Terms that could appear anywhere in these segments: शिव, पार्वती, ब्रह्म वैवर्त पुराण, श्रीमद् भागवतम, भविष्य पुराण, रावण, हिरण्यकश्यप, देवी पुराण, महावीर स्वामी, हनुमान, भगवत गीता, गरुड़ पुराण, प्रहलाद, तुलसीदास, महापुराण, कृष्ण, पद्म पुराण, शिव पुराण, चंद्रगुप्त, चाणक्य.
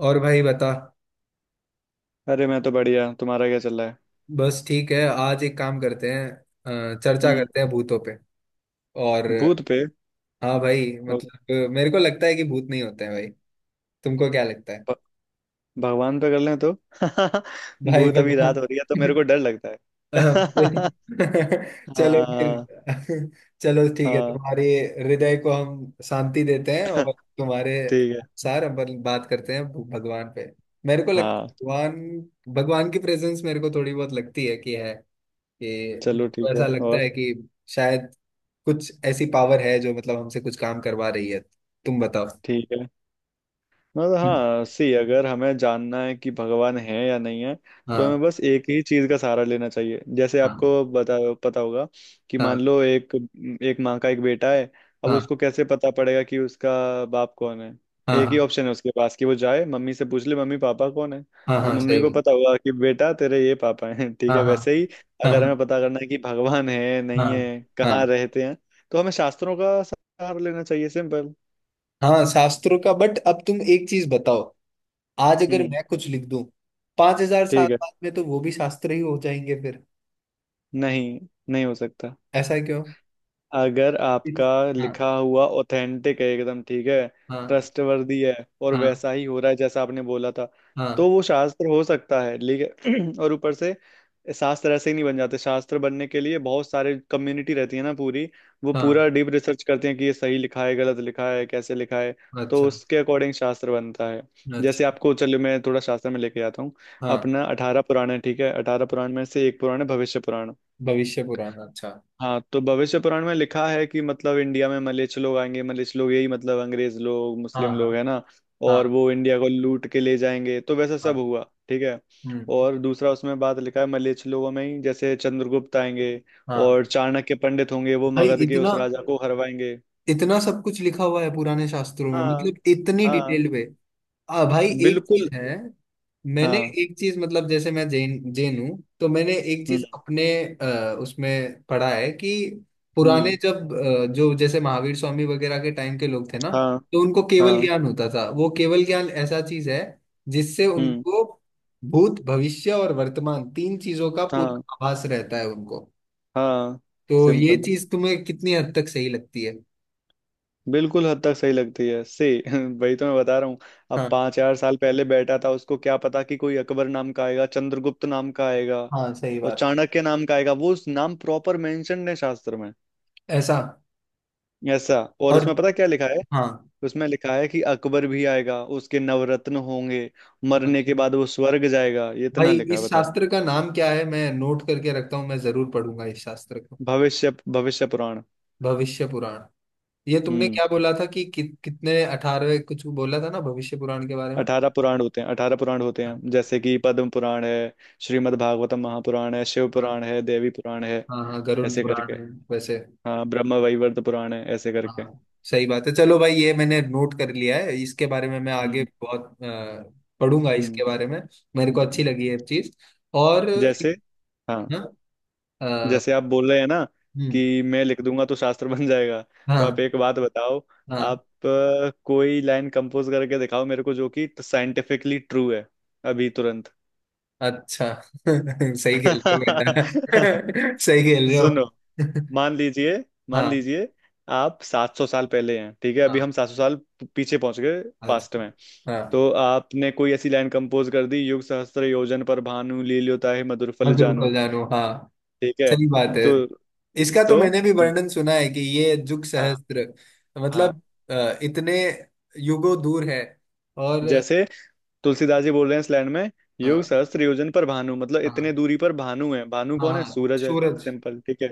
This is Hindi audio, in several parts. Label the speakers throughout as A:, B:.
A: और भाई बता।
B: अरे मैं तो बढ़िया। तुम्हारा क्या चल रहा है?
A: बस ठीक है, आज एक काम करते हैं। चर्चा
B: हम्म।
A: करते हैं भूतों पे। और
B: भूत पे?
A: हाँ भाई,
B: और
A: मतलब मेरे को लगता है कि भूत नहीं होते हैं भाई। तुमको क्या लगता है?
B: भ- भगवान पे कर लें तो
A: भाई
B: भूत अभी रात
A: भगवान।
B: हो रही है तो मेरे को डर लगता है।
A: चलो
B: हाँ
A: फिर। चलो ठीक है,
B: हाँ,
A: तुम्हारे हृदय को हम शांति देते हैं। और तुम्हारे
B: ठीक है।
A: अनुसार हम बात करते हैं भगवान पे। मेरे को लगता
B: हाँ,
A: है भगवान। भगवान की प्रेजेंस मेरे को थोड़ी बहुत लगती है कि है, कि
B: चलो ठीक
A: हमको
B: है।
A: ऐसा लगता
B: और
A: है कि शायद कुछ ऐसी पावर है जो मतलब हमसे कुछ काम करवा रही है। तुम बताओ।
B: ठीक है, मतलब
A: हम्म,
B: हाँ। सी, अगर हमें जानना है कि भगवान है या नहीं है तो
A: हाँ
B: हमें बस एक ही चीज का सहारा लेना चाहिए। जैसे
A: हाँ।
B: आपको बता पता होगा कि
A: हाँ
B: मान लो एक एक माँ का एक बेटा है। अब
A: हाँ।
B: उसको कैसे पता पड़ेगा कि उसका बाप कौन है?
A: हाँ
B: एक ही
A: हाँ।
B: ऑप्शन है उसके पास कि वो जाए मम्मी से पूछ ले, मम्मी पापा कौन है?
A: हाँ
B: तो
A: हाँ
B: मम्मी
A: सही
B: को
A: बात।
B: पता होगा कि बेटा तेरे ये पापा हैं। ठीक
A: हाँ
B: है,
A: हाँ।
B: वैसे ही अगर
A: हाँ
B: हमें पता करना है कि भगवान है नहीं
A: हाँ।
B: है कहाँ
A: हाँ
B: रहते हैं तो हमें शास्त्रों का सहारा लेना चाहिए, सिंपल।
A: हाँ। हाँ, शास्त्रों का। बट अब तुम एक चीज बताओ, आज अगर
B: हम्म।
A: मैं कुछ लिख दूं, 5000 साल
B: ठीक है।
A: बाद में तो वो भी शास्त्र ही हो जाएंगे फिर।
B: नहीं, नहीं हो सकता।
A: ऐसा क्यों?
B: अगर आपका
A: इस- हाँ।
B: लिखा हुआ ऑथेंटिक है, एकदम ठीक है,
A: हाँ।
B: ट्रस्टवर्दी है और
A: हाँ
B: वैसा ही हो रहा है जैसा आपने बोला था तो
A: हाँ।
B: वो शास्त्र हो सकता है, लेकिन और ऊपर से शास्त्र ऐसे ही नहीं बन जाते। शास्त्र बनने के लिए बहुत सारे कम्युनिटी रहती है ना पूरी। वो पूरा
A: हाँ।
B: डीप रिसर्च करते हैं कि ये सही लिखा है गलत लिखा है कैसे लिखा है, तो
A: अच्छा।
B: उसके अकॉर्डिंग शास्त्र बनता है। जैसे
A: अच्छा।
B: आपको चलो मैं थोड़ा शास्त्र में लेके जाता हूँ।
A: हाँ,
B: अपना 18 पुराण है, ठीक है, 18 पुराण में से एक पुराण है भविष्य पुराण।
A: भविष्य पुराण, अच्छा।
B: हाँ, तो भविष्य पुराण में लिखा है कि मतलब इंडिया में मलेच्छ लोग आएंगे। मलेच्छ लोग यही मतलब अंग्रेज लोग,
A: हाँ
B: मुस्लिम लोग,
A: हाँ।
B: है ना। और
A: हाँ,
B: वो इंडिया को लूट के ले जाएंगे, तो वैसा सब
A: हाँ।
B: हुआ। ठीक है।
A: हम्म।
B: और दूसरा उसमें बात लिखा है, मलेच्छ लोगों में ही जैसे चंद्रगुप्त आएंगे
A: हाँ
B: और चाणक्य पंडित होंगे, वो
A: भाई,
B: मगध के उस
A: इतना
B: राजा को हरवाएंगे।
A: इतना सब कुछ लिखा हुआ है पुराने शास्त्रों में,
B: हाँ।
A: मतलब इतनी
B: हाँ।
A: डिटेल में। आ भाई, एक
B: बिल्कुल।
A: चीज है। मैंने
B: हाँ।
A: एक चीज मतलब, जैसे मैं जैन जैन हूँ, तो मैंने एक
B: हम्म।
A: चीज अपने उसमें पढ़ा है कि पुराने
B: हम्म।
A: जब जो जैसे महावीर स्वामी वगैरह के टाइम के लोग थे ना,
B: हाँ।
A: तो उनको केवल
B: हाँ।
A: ज्ञान होता था। वो केवल ज्ञान ऐसा चीज है जिससे
B: हम्म।
A: उनको भूत भविष्य और वर्तमान तीन चीजों का
B: हाँ।
A: पूरा आभास रहता है उनको।
B: हाँ।
A: तो ये
B: सिंपल,
A: चीज तुम्हें कितनी हद तक सही लगती है?
B: बिल्कुल हद तक सही लगती है से वही तो मैं बता रहा हूँ। अब
A: हाँ
B: 5 4 साल पहले बैठा था, उसको क्या पता कि कोई अकबर नाम का आएगा, चंद्रगुप्त नाम का आएगा
A: हाँ सही
B: और
A: बात।
B: चाणक्य नाम का आएगा? वो उस नाम प्रॉपर मेंशन है शास्त्र में।
A: ऐसा।
B: ऐसा, और
A: और
B: उसमें पता क्या लिखा है?
A: हाँ।
B: उसमें लिखा है कि अकबर भी आएगा, उसके नवरत्न होंगे, मरने
A: अच्छा
B: के बाद वो स्वर्ग जाएगा। ये इतना
A: भाई,
B: लिखा है,
A: इस
B: बताओ।
A: शास्त्र का नाम क्या है? मैं नोट करके रखता हूँ, मैं जरूर पढ़ूंगा इस शास्त्र को।
B: भविष्य भविष्य पुराण।
A: भविष्य पुराण। ये तुमने क्या
B: हम्म।
A: बोला था कि कितने अठारहवें कुछ बोला था ना भविष्य पुराण के बारे में?
B: अठारह पुराण होते हैं अठारह पुराण होते
A: हाँ।
B: हैं जैसे कि पद्म पुराण है, श्रीमद् भागवतम महापुराण है, शिव
A: हाँ
B: पुराण है, देवी पुराण है,
A: हाँ गरुड़
B: ऐसे करके।
A: पुराण है। वैसे।
B: हाँ, ब्रह्म वैवर्त पुराण है, ऐसे
A: हाँ
B: करके।
A: हाँ, सही बात है। चलो भाई, ये मैंने नोट कर लिया है, इसके बारे में मैं आगे
B: हम्म।
A: बहुत पढ़ूंगा
B: हम्म।
A: इसके बारे में। मेरे को अच्छी
B: हम्म।
A: लगी ये चीज। और।
B: जैसे, हाँ,
A: हाँ। अ,
B: जैसे आप बोल रहे हैं ना
A: हम्म,
B: कि मैं लिख दूंगा तो शास्त्र बन जाएगा, तो
A: हाँ।
B: आप एक बात बताओ।
A: हाँ।
B: आप कोई लाइन कंपोज करके दिखाओ मेरे को, जो कि साइंटिफिकली ट्रू है, अभी तुरंत।
A: अच्छा। सही खेल रहे हो बेटा। सही खेल रहे हो।
B: सुनो, मान लीजिए मान
A: हाँ।
B: लीजिए आप 700 साल पहले हैं, ठीक है, अभी
A: हाँ।
B: हम 700 साल पीछे पहुंच गए, पास्ट
A: अच्छा।
B: में।
A: हाँ
B: तो आपने कोई ऐसी लाइन कंपोज कर दी, युग सहस्त्र योजन पर भानु लील्योताहि मधुर फल
A: मधुर को
B: जानू।
A: जानो, हाँ।
B: ठीक है।
A: सही बात है।
B: तो
A: इसका
B: तो
A: तो मैंने भी वर्णन सुना है कि ये जुग
B: हाँ
A: सहस्त्र
B: हाँ,
A: मतलब इतने युगों दूर है। और
B: जैसे तुलसीदास जी बोल रहे हैं स्लैंड में, युग
A: हाँ
B: सहस्त्र योजन पर भानु, मतलब इतने
A: हाँ।
B: दूरी पर भानु है। भानु
A: हाँ
B: कौन है?
A: हाँ
B: सूरज है,
A: सूरज,
B: सिंपल, ठीक है।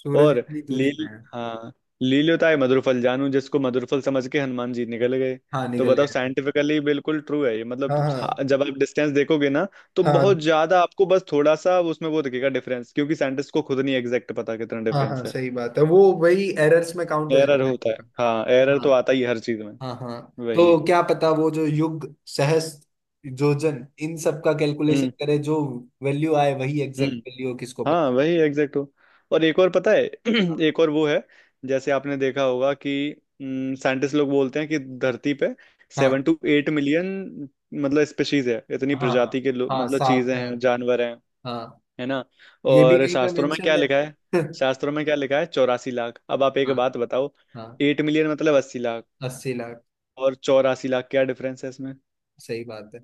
A: सूरज
B: और
A: इतनी दूरी पे
B: लील,
A: है।
B: हाँ, लील्योताय मधुरफल जानू, जिसको मधुरफल समझ के हनुमान जी निकल गए।
A: हाँ
B: तो
A: निकल
B: बताओ,
A: गए थे।
B: साइंटिफिकली बिल्कुल ट्रू है ये,
A: हाँ
B: मतलब हाँ,
A: हाँ।
B: जब आप डिस्टेंस देखोगे ना तो बहुत
A: हाँ
B: ज्यादा आपको बस थोड़ा सा उसमें वो दिखेगा डिफरेंस, क्योंकि साइंटिस्ट को खुद नहीं एग्जैक्ट पता कितना
A: हाँ
B: डिफरेंस
A: हाँ
B: है।
A: सही बात है, वो वही एरर्स में काउंट हो
B: एरर
A: जाता
B: होता है, हाँ,
A: है।
B: एरर तो आता ही है हर चीज में।
A: हाँ हाँ।
B: वही।
A: तो क्या पता वो जो युग सहस्त्र योजन इन सब का कैलकुलेशन
B: हम्म।
A: करे, जो वैल्यू आए वही एग्जैक्ट
B: हम्म।
A: वैल्यू हो, किसको पता।
B: हाँ, वही एग्जैक्ट हो। और एक और पता है? एक और वो है, जैसे आपने देखा होगा कि साइंटिस्ट लोग बोलते हैं कि धरती पे सेवन
A: हाँ।
B: टू एट मिलियन मतलब स्पीशीज है, इतनी
A: हाँ। हाँ
B: प्रजाति के लोग
A: हाँ
B: मतलब
A: सात
B: चीजें
A: से
B: हैं
A: आठ
B: जानवर हैं,
A: हाँ।
B: है ना।
A: ये भी
B: और
A: कहीं पे
B: शास्त्रों में
A: मेंशन
B: क्या लिखा है?
A: है।
B: शास्त्रों में क्या लिखा है? 84 लाख। अब आप एक
A: हाँ।
B: बात बताओ,
A: हाँ
B: 8 million मतलब 80 लाख।
A: 80 लाख।
B: और 84 लाख, क्या डिफरेंस है इसमें?
A: सही बात है।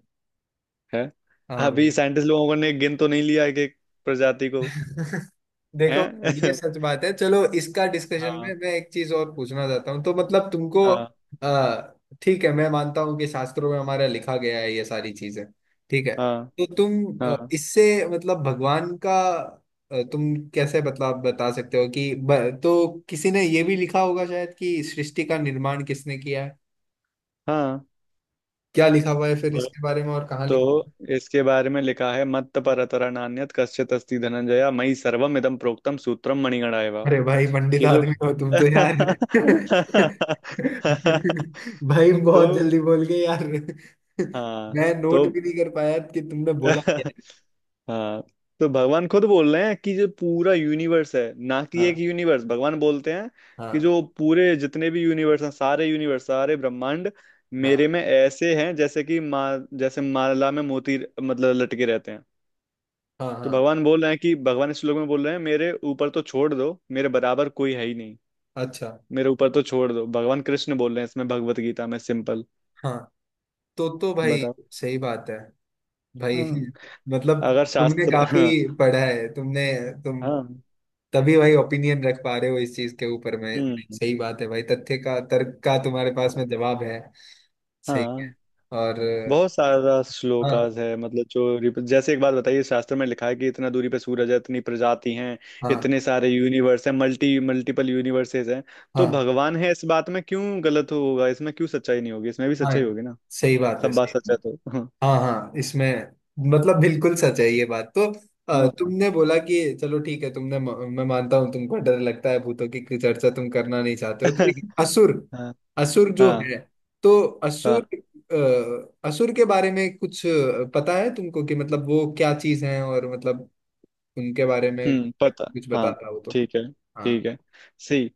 B: है।
A: हाँ
B: अभी
A: भाई।
B: साइंटिस्ट लोगों ने गिन तो नहीं लिया है कि प्रजाति को।
A: देखो, ये
B: है।
A: सच बात है। चलो, इसका डिस्कशन
B: हाँ
A: में मैं एक चीज और पूछना चाहता हूँ, तो मतलब तुमको
B: हाँ।
A: ठीक है, मैं मानता हूँ कि शास्त्रों में हमारा लिखा गया है ये सारी चीजें। ठीक है,
B: हाँ।
A: तो तुम
B: हाँ।
A: इससे मतलब भगवान का तुम कैसे मतलब बता सकते हो कि तो किसी ने ये भी लिखा होगा शायद कि सृष्टि का निर्माण किसने किया है?
B: हाँ।
A: क्या लिखा हुआ है फिर
B: ब-
A: इसके बारे में, और कहाँ लिखा?
B: तो इसके बारे में लिखा है, मत्त परतरा नान्यत् कश्चित् अस्ति धनंजया, मयि सर्वम इदं प्रोक्तम सूत्रम मणिगणा एव।
A: अरे भाई पंडित
B: कि जो
A: आदमी हो तुम तो यार। भाई
B: तो,
A: बहुत जल्दी बोल गए यार।
B: हाँ,
A: मैं
B: तो
A: नोट भी नहीं कर पाया कि तुमने बोला क्या है।
B: हाँ, तो भगवान खुद बोल रहे हैं कि जो पूरा यूनिवर्स है, ना कि एक
A: हाँ
B: यूनिवर्स। भगवान बोलते हैं कि
A: हाँ।
B: जो पूरे जितने भी यूनिवर्स हैं, सारे यूनिवर्स, सारे ब्रह्मांड मेरे
A: हाँ।
B: में ऐसे हैं जैसे कि मा, जैसे माला में मोती मतलब लटके रहते हैं।
A: हाँ
B: तो
A: हाँ।
B: भगवान बोल रहे हैं कि भगवान इस श्लोक में बोल रहे हैं, मेरे ऊपर तो छोड़ दो, मेरे बराबर कोई है ही नहीं।
A: अच्छा।
B: मेरे ऊपर तो छोड़ दो, भगवान कृष्ण बोल रहे हैं इसमें, भगवत गीता में, सिंपल।
A: हाँ। तो भाई
B: बताओ।
A: सही बात है। भाई।
B: हाँ,
A: मतलब
B: अगर
A: तुमने
B: शास्त्र,
A: काफी
B: हाँ।
A: पढ़ा है, तुमने। तुम
B: हाँ।
A: तभी भाई ओपिनियन रख पा रहे हो इस चीज के ऊपर में, नहीं,
B: हम्म।
A: सही बात है भाई, तथ्य का तर्क का तुम्हारे पास में जवाब है। सही।
B: हाँ।
A: और
B: बहुत सारा
A: हाँ
B: श्लोकाज है, मतलब जो जैसे एक बात बताइए, शास्त्र में लिखा है कि इतना दूरी पे सूरज है, इतनी प्रजाति हैं,
A: हाँ।
B: इतने सारे यूनिवर्स हैं, मल्टी मल्टीपल यूनिवर्सेस हैं, तो
A: हाँ
B: भगवान है इस बात में क्यों गलत होगा? इसमें क्यों सच्चाई नहीं होगी? इसमें भी
A: हाँ
B: सच्चाई होगी ना।
A: सही बात है,
B: सब बात
A: सही
B: सच
A: बात।
B: है, तो हाँ।
A: हाँ हाँ इसमें, मतलब बिल्कुल सच है ये बात तो।
B: हाँ।
A: तुमने बोला कि चलो ठीक है, तुमने, मैं मानता हूँ तुमको डर लगता है, भूतों की कोई चर्चा तुम करना नहीं चाहते हो तो। लेकिन असुर,
B: हाँ।
A: असुर जो
B: हाँ।
A: है, तो
B: हाँ।
A: असुर, असुर के बारे में कुछ पता है तुमको कि मतलब वो क्या चीज है और मतलब उनके बारे में
B: हम्म, पता,
A: कुछ
B: हाँ।
A: बताता हो तो।
B: ठीक है। ठीक
A: हाँ।
B: है। सही।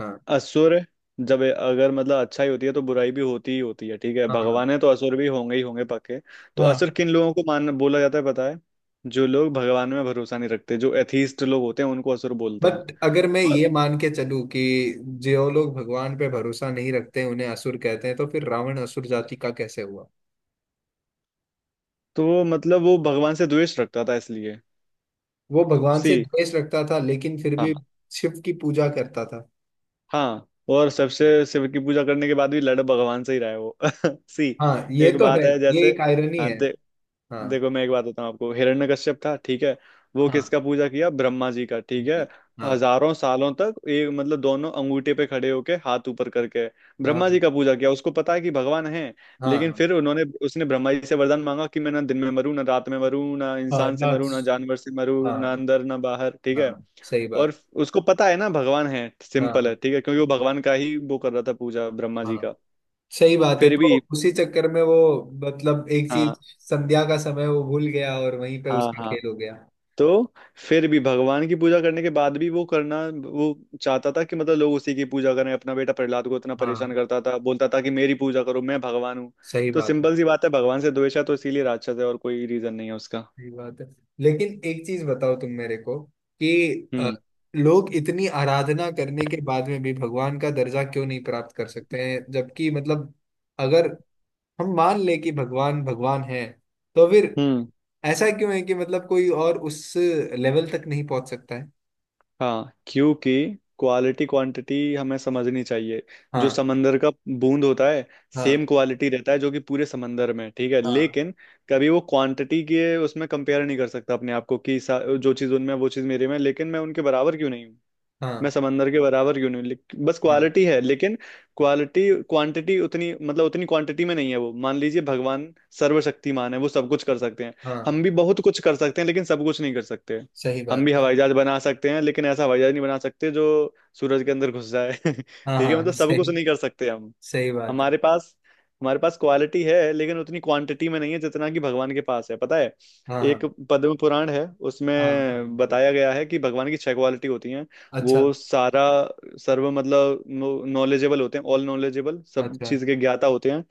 A: हाँ।
B: असुर, जब अगर मतलब अच्छाई होती है तो बुराई भी होती ही होती है, ठीक है।
A: हाँ।
B: भगवान है तो असुर भी होंगे ही होंगे, पक्के। तो
A: हाँ।
B: असुर किन लोगों को मान बोला जाता है, पता है? जो लोग भगवान में भरोसा नहीं रखते, जो एथीस्ट लोग होते हैं उनको असुर बोलते हैं।
A: बट अगर मैं
B: और
A: ये मान के चलूं कि जो लोग भगवान पे भरोसा नहीं रखते उन्हें असुर कहते हैं, तो फिर रावण असुर जाति का कैसे हुआ?
B: तो वो मतलब वो भगवान से द्वेष रखता था इसलिए।
A: वो भगवान
B: सी,
A: से द्वेष रखता था, लेकिन फिर
B: हाँ
A: भी शिव की पूजा करता था।
B: हाँ, और सबसे शिव की पूजा करने के बाद भी लड़ भगवान से ही रहा है वो। सी।
A: हाँ ये
B: एक
A: तो है,
B: बात है,
A: ये
B: जैसे,
A: एक आयरनी
B: हाँ,
A: है। हाँ
B: देखो, मैं एक बात बताऊं आपको, हिरण्यकश्यप था, ठीक है। वो
A: हाँ
B: किसका पूजा किया? ब्रह्मा जी का, ठीक है।
A: जी हाँ।
B: हजारों सालों तक एक मतलब दोनों अंगूठे पे खड़े होके, हाथ ऊपर करके ब्रह्मा
A: हाँ
B: जी का पूजा किया, उसको पता है कि भगवान है।
A: हाँ
B: लेकिन
A: हाँ
B: फिर उन्होंने उसने ब्रह्मा जी से वरदान मांगा कि मैं ना दिन में मरूं ना रात में मरूं, ना
A: हाँ
B: इंसान से
A: लाज,
B: मरूं ना जानवर से मरूं, ना
A: हाँ
B: अंदर ना बाहर, ठीक
A: हाँ
B: है।
A: सही
B: और
A: बात।
B: उसको पता है ना भगवान है,
A: हाँ
B: सिंपल है,
A: हाँ।
B: ठीक है, क्योंकि वो भगवान का ही वो कर रहा था पूजा, ब्रह्मा जी
A: हाँ
B: का।
A: सही बात है,
B: फिर
A: तो
B: भी,
A: उसी चक्कर में वो मतलब एक चीज,
B: हाँ,
A: संध्या का समय वो भूल गया और वहीं पे
B: हाँ,
A: उसका
B: हाँ,
A: खेल हो गया।
B: तो फिर भी भगवान की पूजा करने के बाद भी वो करना, वो चाहता था कि मतलब लोग उसी की पूजा करें। अपना बेटा प्रहलाद को इतना परेशान
A: हाँ।
B: करता था, बोलता था कि मेरी पूजा करो, मैं भगवान हूँ।
A: सही
B: तो
A: बात है,
B: सिंपल सी बात है, भगवान से द्वेष है तो इसीलिए राक्षस है, और कोई रीजन नहीं है उसका।
A: सही बात है। लेकिन एक चीज बताओ तुम मेरे को कि अ,
B: हम्म।
A: लोग इतनी आराधना करने के बाद में भी भगवान का दर्जा क्यों नहीं प्राप्त कर सकते हैं? जबकि मतलब अगर हम मान ले कि भगवान भगवान है, तो फिर
B: हम्म।
A: ऐसा क्यों है कि मतलब कोई और उस लेवल तक नहीं पहुंच सकता है?
B: हाँ, क्योंकि क्वालिटी क्वांटिटी हमें समझनी चाहिए। जो
A: हाँ।
B: समंदर का बूंद होता है
A: हाँ।
B: सेम क्वालिटी रहता है जो कि पूरे समंदर में, ठीक है,
A: हाँ।
B: लेकिन कभी वो क्वांटिटी के उसमें कंपेयर नहीं कर सकता अपने आप को कि जो चीज़ उनमें है, वो चीज़ मेरे में है, लेकिन मैं उनके बराबर क्यों नहीं हूँ? मैं
A: हाँ।
B: समंदर के बराबर क्यों नहीं बस
A: हाँ।
B: क्वालिटी है, लेकिन क्वालिटी क्वांटिटी उतनी मतलब उतनी क्वांटिटी में नहीं है। वो, मान लीजिए, भगवान सर्वशक्तिमान है, वो सब कुछ कर सकते हैं।
A: हाँ।
B: हम भी बहुत कुछ कर सकते हैं लेकिन सब कुछ नहीं कर सकते।
A: सही
B: हम भी
A: बात है।
B: हवाई जहाज बना सकते हैं लेकिन ऐसा हवाई जहाज नहीं बना सकते जो सूरज के अंदर घुस जाए।
A: हाँ
B: ठीक है,
A: हाँ।
B: मतलब सब
A: सही।
B: कुछ नहीं कर सकते।
A: सही बात है।
B: हमारे पास हमारे पास क्वालिटी है, लेकिन उतनी क्वांटिटी में नहीं है जितना कि भगवान के पास है, पता है?
A: हाँ
B: एक
A: हाँ।
B: पद्म पुराण है,
A: हाँ
B: उसमें
A: बिल्कुल।
B: बताया गया है कि भगवान की छह क्वालिटी होती हैं। वो
A: अच्छा।
B: सारा सर्व मतलब नॉलेजेबल होते हैं, ऑल नॉलेजेबल, सब
A: अच्छा।
B: चीज के ज्ञाता होते हैं।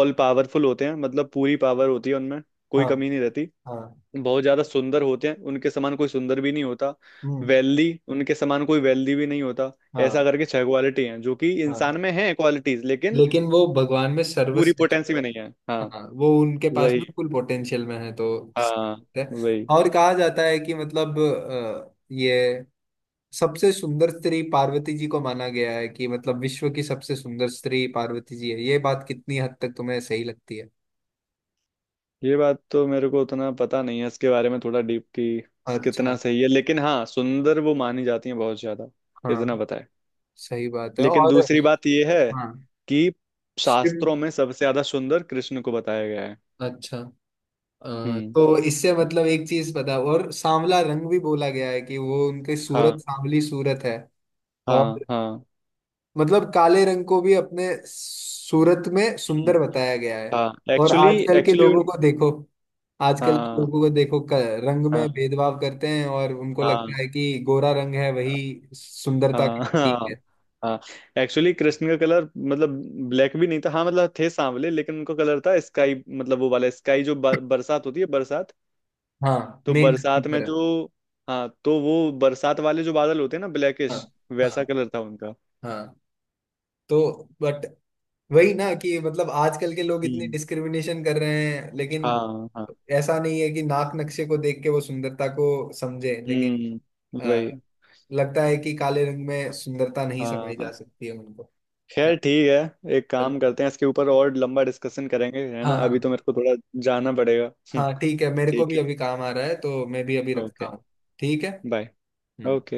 B: ऑल पावरफुल होते हैं, मतलब पूरी पावर होती है उनमें, कोई
A: हाँ।
B: कमी नहीं रहती।
A: हाँ।
B: बहुत ज्यादा सुंदर होते हैं, उनके समान कोई सुंदर भी नहीं होता।
A: हम्म।
B: वेल्दी, उनके समान कोई वेल्दी भी नहीं होता।
A: हाँ।
B: ऐसा करके छह क्वालिटी हैं जो कि
A: हाँ।
B: इंसान में है क्वालिटीज, लेकिन
A: लेकिन वो भगवान में
B: पूरी
A: सर्वश्रेष्ठ।
B: पोटेंसी में नहीं है, हाँ।
A: हाँ वो उनके पास
B: वही,
A: में फुल पोटेंशियल में है तो
B: हाँ,
A: सही है।
B: वही।
A: और कहा जाता है कि मतलब ये सबसे सुंदर स्त्री पार्वती जी को माना गया है, कि मतलब विश्व की सबसे सुंदर स्त्री पार्वती जी है। ये बात कितनी हद तक तुम्हें सही लगती है?
B: ये बात तो मेरे को उतना पता नहीं है, इसके बारे में थोड़ा डीप की कितना
A: अच्छा।
B: सही है, लेकिन हाँ सुंदर वो मानी जाती है बहुत ज्यादा, इतना
A: हाँ
B: पता है।
A: सही बात है।
B: लेकिन
A: और
B: दूसरी बात ये है
A: हाँ।
B: कि
A: शिव,
B: शास्त्रों में सबसे ज्यादा सुंदर कृष्ण को बताया गया है।
A: अच्छा।
B: हम्म।
A: तो इससे मतलब एक चीज पता, और सांवला रंग भी बोला गया है कि वो उनके
B: हाँ।
A: सूरत, सांवली सूरत है। और
B: हाँ। हाँ।
A: मतलब काले रंग को भी अपने सूरत में
B: हम्म,
A: सुंदर बताया गया है।
B: हाँ,
A: और
B: एक्चुअली,
A: आजकल के
B: एक्चुअली उन,
A: लोगों को देखो, आजकल के
B: हाँ।
A: लोगों को देखो रंग में
B: हाँ।
A: भेदभाव करते हैं और उनको
B: हाँ।
A: लगता है कि गोरा रंग है
B: हाँ।
A: वही सुंदरता का
B: हाँ।
A: प्रतीक
B: हाँ।
A: है।
B: हाँ, एक्चुअली कृष्ण का कलर, मतलब ब्लैक भी नहीं था, हाँ मतलब थे सांवले लेकिन उनका कलर था स्काई, मतलब वो वाला स्काई जो बरसात होती है, बरसात।
A: हाँ
B: तो
A: मेघ की
B: बरसात में
A: तरह।
B: जो, हाँ, तो वो बरसात वाले जो बादल होते हैं ना,
A: हाँ
B: ब्लैकिश, वैसा
A: हाँ
B: कलर था उनका।
A: हाँ। तो बट, वही ना कि मतलब आजकल के लोग इतनी
B: हम्म।
A: डिस्क्रिमिनेशन कर रहे हैं, लेकिन
B: हाँ। हाँ।
A: ऐसा नहीं है कि नाक नक्शे को देख के वो सुंदरता को समझे। लेकिन
B: हम्म, वही।
A: लगता है कि काले रंग में सुंदरता नहीं समाई
B: हाँ,
A: जा सकती है उनको। क्या?
B: खैर ठीक है, एक
A: चलो।
B: काम करते हैं, इसके ऊपर और लंबा डिस्कशन करेंगे, है
A: हाँ
B: ना। अभी
A: हाँ।
B: तो मेरे को थोड़ा जाना पड़ेगा।
A: हाँ ठीक है, मेरे को
B: ठीक
A: भी
B: है।
A: अभी काम आ रहा है तो मैं भी अभी रखता
B: ओके।
A: हूँ। ठीक है।
B: बाय।
A: हम्म।
B: ओके।